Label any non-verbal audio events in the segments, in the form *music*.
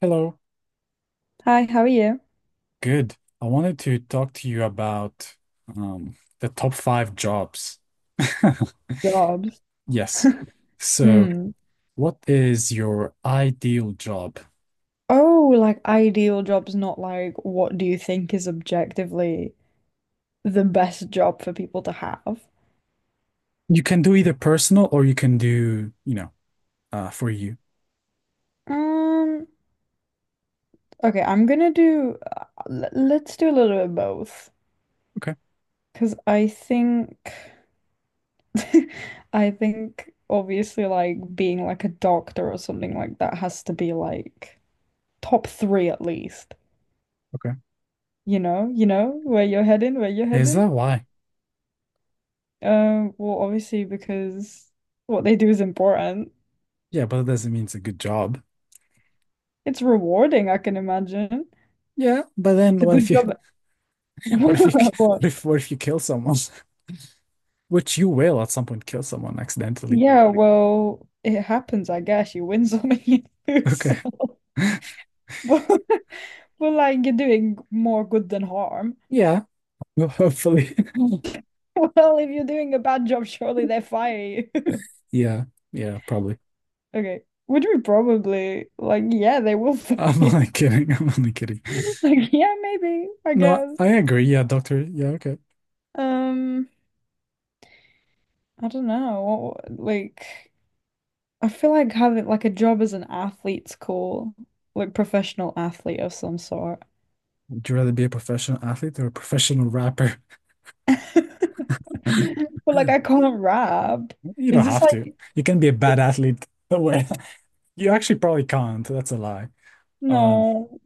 Hello. Hi, how are you? Good. I wanted to talk to you about the top five jobs. *laughs* Jobs. Yes. So, Hmm. what is your ideal job? Oh, like ideal jobs, not like what do you think is objectively the best job for people to have? You can do either personal or you can do, for you. Um, okay, I'm gonna do, let's do a little bit of both. Okay. Because I think, *laughs* I think obviously like being like a doctor or something like that has to be like top three at least. Okay. You know, where you're heading, where you're Is heading. that why? Well, obviously because what they do is important. Yeah, but it doesn't mean it's a good job. It's rewarding, I can imagine. Yeah, but then It's a what good if you, job. *laughs* *laughs* What? What if you kill someone? *laughs* Which you will at some point kill someone accidentally. Yeah, well, it happens, I guess. You win *laughs* some and you lose some. Okay. *laughs* But, but like you're doing more good than harm. *laughs* Yeah. Well, hopefully. *laughs* Well, if you're doing a bad job, surely they fire you. *laughs* Yeah. Yeah, probably. Okay. Would we probably like, yeah, they will fire I'm you. only *laughs* kidding. I'm only kidding. Like, yeah, maybe, I No, guess. I agree. Yeah, doctor. Yeah, okay. Um, I don't know. What, like I feel like having like a job as an athlete's cool, like professional athlete of some sort. Would you rather be a professional athlete or a professional rapper? *laughs* *laughs* But like I can't rap. You don't Is this have to. like, You can be a bad athlete. *laughs* Well, you actually probably can't. That's a lie. Um, no?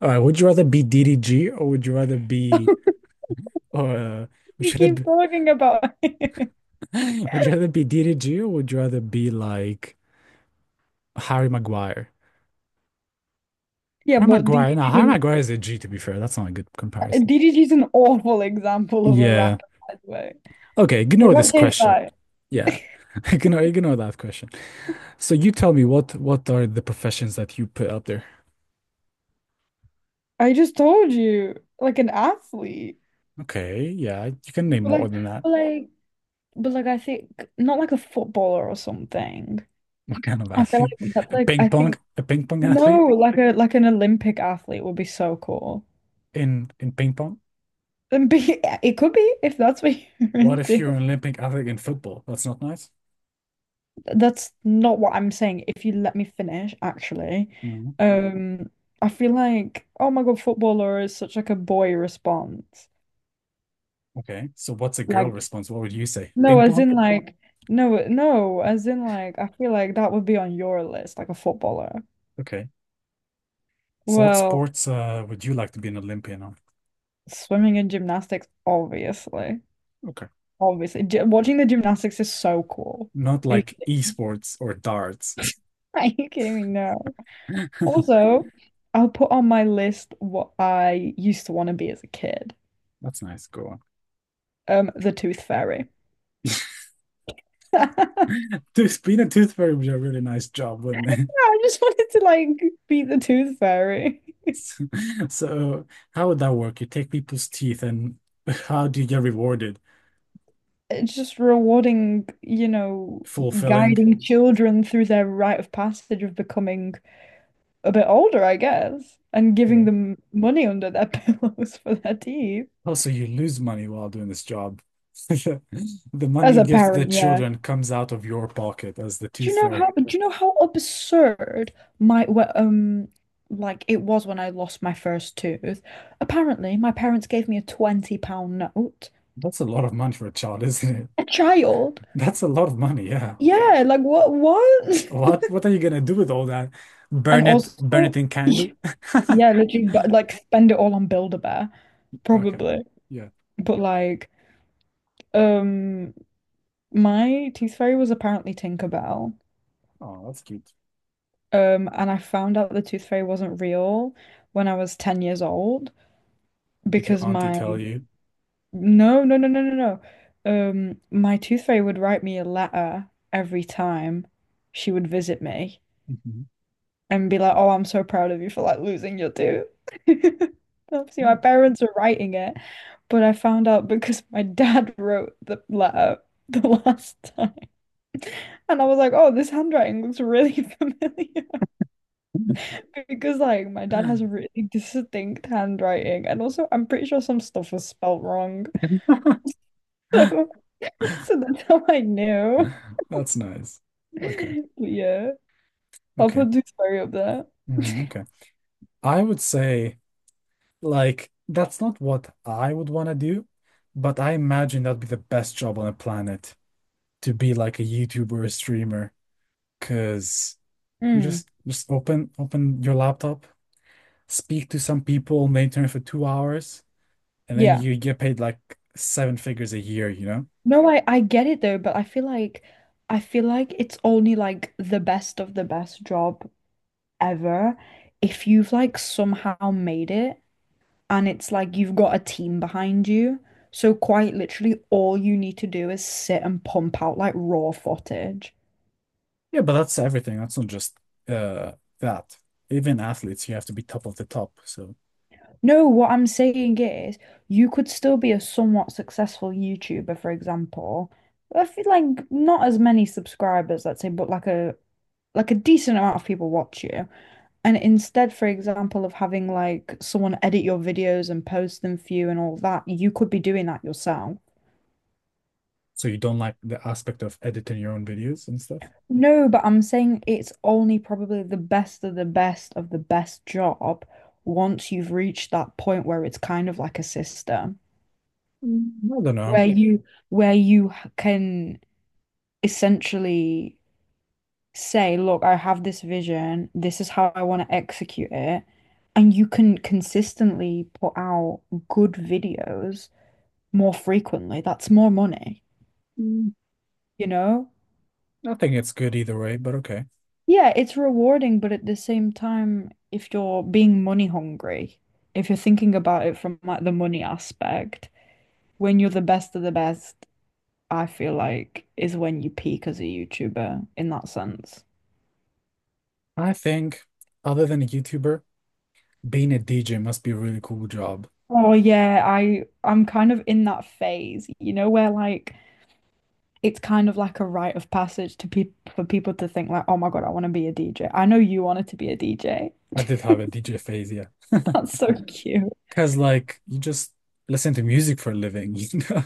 all right. Would you rather be DDG or would you rather be uh We would you keep rather talking about it. *laughs* be, *laughs* Would you rather be DDG or would you rather be like Harry Maguire? Yeah, Harry but Maguire. DDG's No, Harry an Maguire is a G to be fair. That's not a good comparison. DDG's an awful example of a Yeah. rapper, by the way. Okay, What ignore about this question. KSI? Yeah. *laughs* Ignore that question. So you tell me what are the professions that you put out there? I just told you, like an athlete. Okay, yeah, you can name But more like, than that. but like, but like, I think not like a footballer or something. *laughs* What kind of I feel athlete? like that's A like, ping I pong, think. a ping pong athlete No, like a like an Olympic athlete would be so cool. in ping pong? And be, *laughs* it could be if that's what you're What if into. you're an Olympic athlete in football? That's not nice. That's not what I'm saying. If you let me finish, actually, Mhm. um, I feel like, oh my God, footballer is such like a boy response. Okay. So what's a girl Like, response? What would you say? no, Ping as pong? in, like, no, no, as in like, I feel like that would be on your list, like a footballer. Okay. So what Well, sports would you like to be an Olympian on? swimming and gymnastics, obviously, Okay. obviously. Watching the gymnastics is so cool. Not like esports or darts. *laughs* Are you kidding me? No. *laughs* Also, I'll put on my list what I used to want to be as a kid. That's nice. Go on. The Tooth Fairy. *laughs* I Being a tooth fairy would be a really nice job, wouldn't it? *laughs* just wanted to like be the Tooth Fairy. So, so, how would that work? You take people's teeth and how do you get rewarded? It's just rewarding, Fulfilling. guiding children through their rite of passage of becoming a bit older, I guess, and giving Mhm. them money under their *laughs* pillows for their teeth. Also, you lose money while doing this job. *laughs* The money As you a give to the parent, yeah. children comes out of your pocket as the Do you tooth know fairy. how do you know how absurd my wh- like it was when I lost my first tooth? Apparently, my parents gave me a £20 note. That's a lot of money for a child, isn't it? A child? *laughs* That's a lot of money, yeah. Yeah, like, what? *laughs* What are you gonna do with all that? And also, Burn it in candy? *laughs* yeah, literally, but like spend it all on Build-A-Bear, Okay. probably. Yeah. But like, um my tooth fairy was apparently Tinkerbell. Oh, that's cute. And I found out the tooth fairy wasn't real when I was 10 years old, Did your because auntie my— tell you? No, no, no, no, no, no. My tooth fairy would write me a letter every time she would visit me Mhm. and be like, "Oh, I'm so proud of you for like losing your tooth." *laughs* Obviously, my parents were writing it, but I found out because my dad *laughs* wrote the letter the last time, and I was like, "Oh, this handwriting looks really *laughs* familiar," because like my dad has a *laughs* really distinct handwriting, and also I'm pretty sure some stuff was spelt wrong, *laughs* so so that's how I knew. That's nice. Okay. *laughs* Yeah. I'll Okay. put Dewsbury up there. Mm, okay. I would say, like, that's not what I would want to do, but I imagine that'd be the best job on the planet to be like a YouTuber or a streamer, because you Mm, just open your laptop, speak to some people on the internet for 2 hours, and then yeah. you get paid like seven figures a year, you know? No, I get it though, but I feel like it's only like the best of the best job ever if you've like somehow made it and it's like you've got a team behind you. So quite literally all you need to do is sit and pump out like raw footage. Yeah, but that's everything. That's not just uh that. Even athletes, you have to be top of the top. So No, what I'm saying is, you could still be a somewhat successful YouTuber, for example. I feel like not as many subscribers, let's say, but like a decent amount of people watch you. And instead, for example, of having like someone edit your videos and post them for you and all that, you could be doing that yourself. So you don't like the aspect of editing your own videos and stuff? No, but I'm saying it's only probably the best of the best of the best job once you've reached that point where it's kind of like a system. Mm, I don't know. Where, yeah, you where you can essentially say, look, I have this vision, this is how I want to execute it. And you can consistently put out good videos more frequently. That's more money, Mm, you know? I think it's good either way, but okay. Yeah, it's rewarding, but at the same time, if you're being money hungry, if you're thinking about it from like the money aspect, when you're the best of the best, I feel like, is when you peak as a YouTuber in that sense. I think other than a YouTuber, being a DJ must be a really cool job. Oh yeah, I'm kind of in that phase, you know, where like it's kind of like a rite of passage to people, for people to think like, oh my God, I want to be a DJ. I know you wanted to be a DJ. I did have a DJ phase, yeah. *laughs* That's so cute. Because like you just listen to music for a living, *laughs* you know?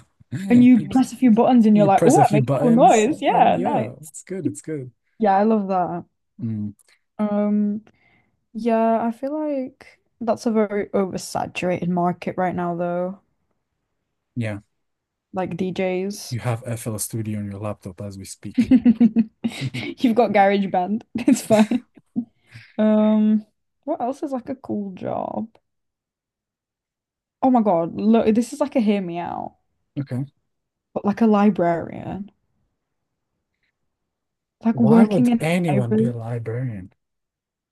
And You you just, press a few buttons and you're you like, press oh, a I few make a cool buttons noise. and Yeah, yeah, nice. it's good, it's good. Yeah, I love that. Mm, Um, yeah, I feel like that's a very oversaturated market right now though, yeah, like DJs. you have FL Studio on your laptop as we *laughs* speak. You've *laughs* got GarageBand. *laughs* It's fine. Um, what else is like a cool job? Oh my God, look, this is like a hear me out, Okay. but like a librarian, like Why working would in a anyone be a library. librarian?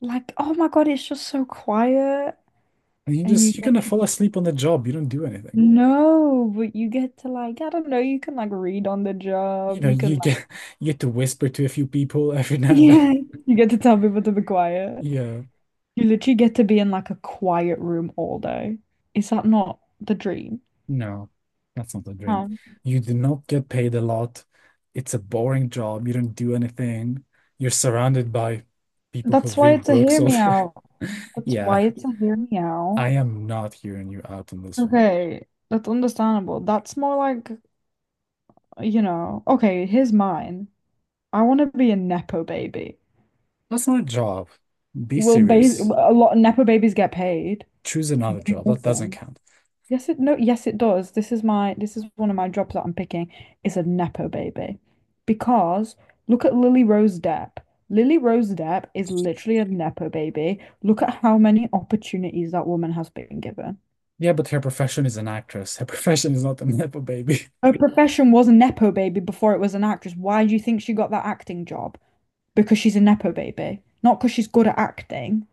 Like, oh my God, it's just so quiet And you and you just you're get gonna to— fall asleep on the job. You don't do anything. no, but you get to like, I don't know, you can like read on the You job, know, you can you like, get *laughs* You get to whisper to a few people *laughs* every *laughs* now and then. *laughs* yeah, you get to tell people to be quiet. Yeah. You literally get to be in like a quiet room all day. Is that not the dream? No, that's not the dream. Um, You do not get paid a lot. It's a boring job. You don't do anything. You're surrounded by people who that's why read it's a books hear all me day. out. *laughs* That's Yeah, why it's a hear me out. I am not hearing you out on this one. Okay, that's understandable. That's more like, okay, here's mine. I want to be a Nepo baby. That's not a job. Be Will ba serious. a lot of Nepo babies get paid Choose for another doing job. That doesn't nothing? count. Yes, it, no, yes, it does. This is one of my jobs that I'm picking is a Nepo baby. Because look at Lily Rose Depp. Lily Rose Depp is literally a Nepo baby. Look at how many opportunities that woman has been given. Yeah, but her profession is an actress. Her *laughs* profession is not a nepo baby. Her profession was a nepo baby before it was an actress. Why do you think she got that acting job? Because she's a nepo baby, not because she's good at acting.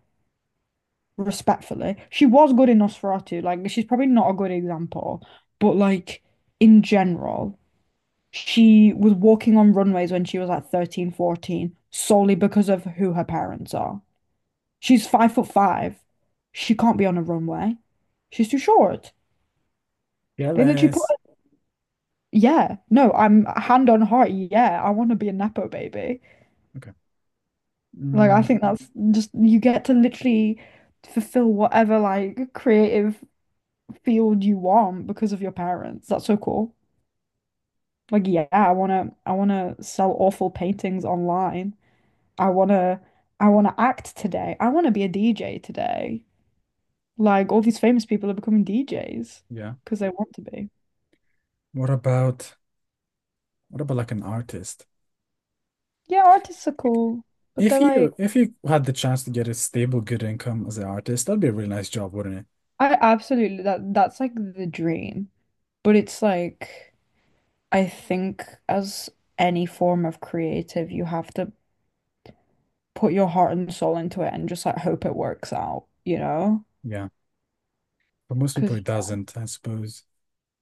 Respectfully, she was good in Nosferatu. Like, she's probably not a good example, but like, in general, she was walking on runways when she was like 13, 14, solely because of who her parents are. She's 5 foot 5. She can't be on a runway. She's too short. *laughs* They literally put Jealous. her— Yeah, no, I'm hand on heart. Yeah, I want to be a Nepo baby. Okay. Like, I Mm, think that's just you get to literally fulfill whatever like creative field you want because of your parents. That's so cool. Like, yeah, I wanna sell awful paintings online. I wanna I wanna act today. I wanna be a DJ today. Like, all these famous people are becoming DJs yeah. because they want to be. What about what about like an artist? Yeah, artists are cool, but If they're like, you if you had the chance to get a stable, good income as an artist, that'd be a really nice job, wouldn't it? I absolutely, that's like the dream. But it's like, I think, as any form of creative, you have to put your heart and soul into it and just like hope it works out, you know? Yeah. But most Because people it doesn't, I suppose.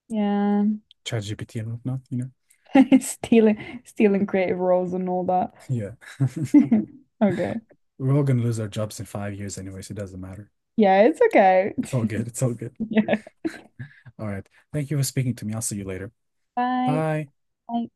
yeah, ChatGPT and whatnot, you know? *laughs* stealing creative roles and all that. Yeah. *laughs* *laughs* Okay. We're all gonna lose our jobs in 5 years anyway, so it doesn't matter. Yeah, it's okay. It's all good. It's all good. *laughs* Yeah. All right. Thank you for speaking to me. I'll see you later. Bye. Bye. Bye.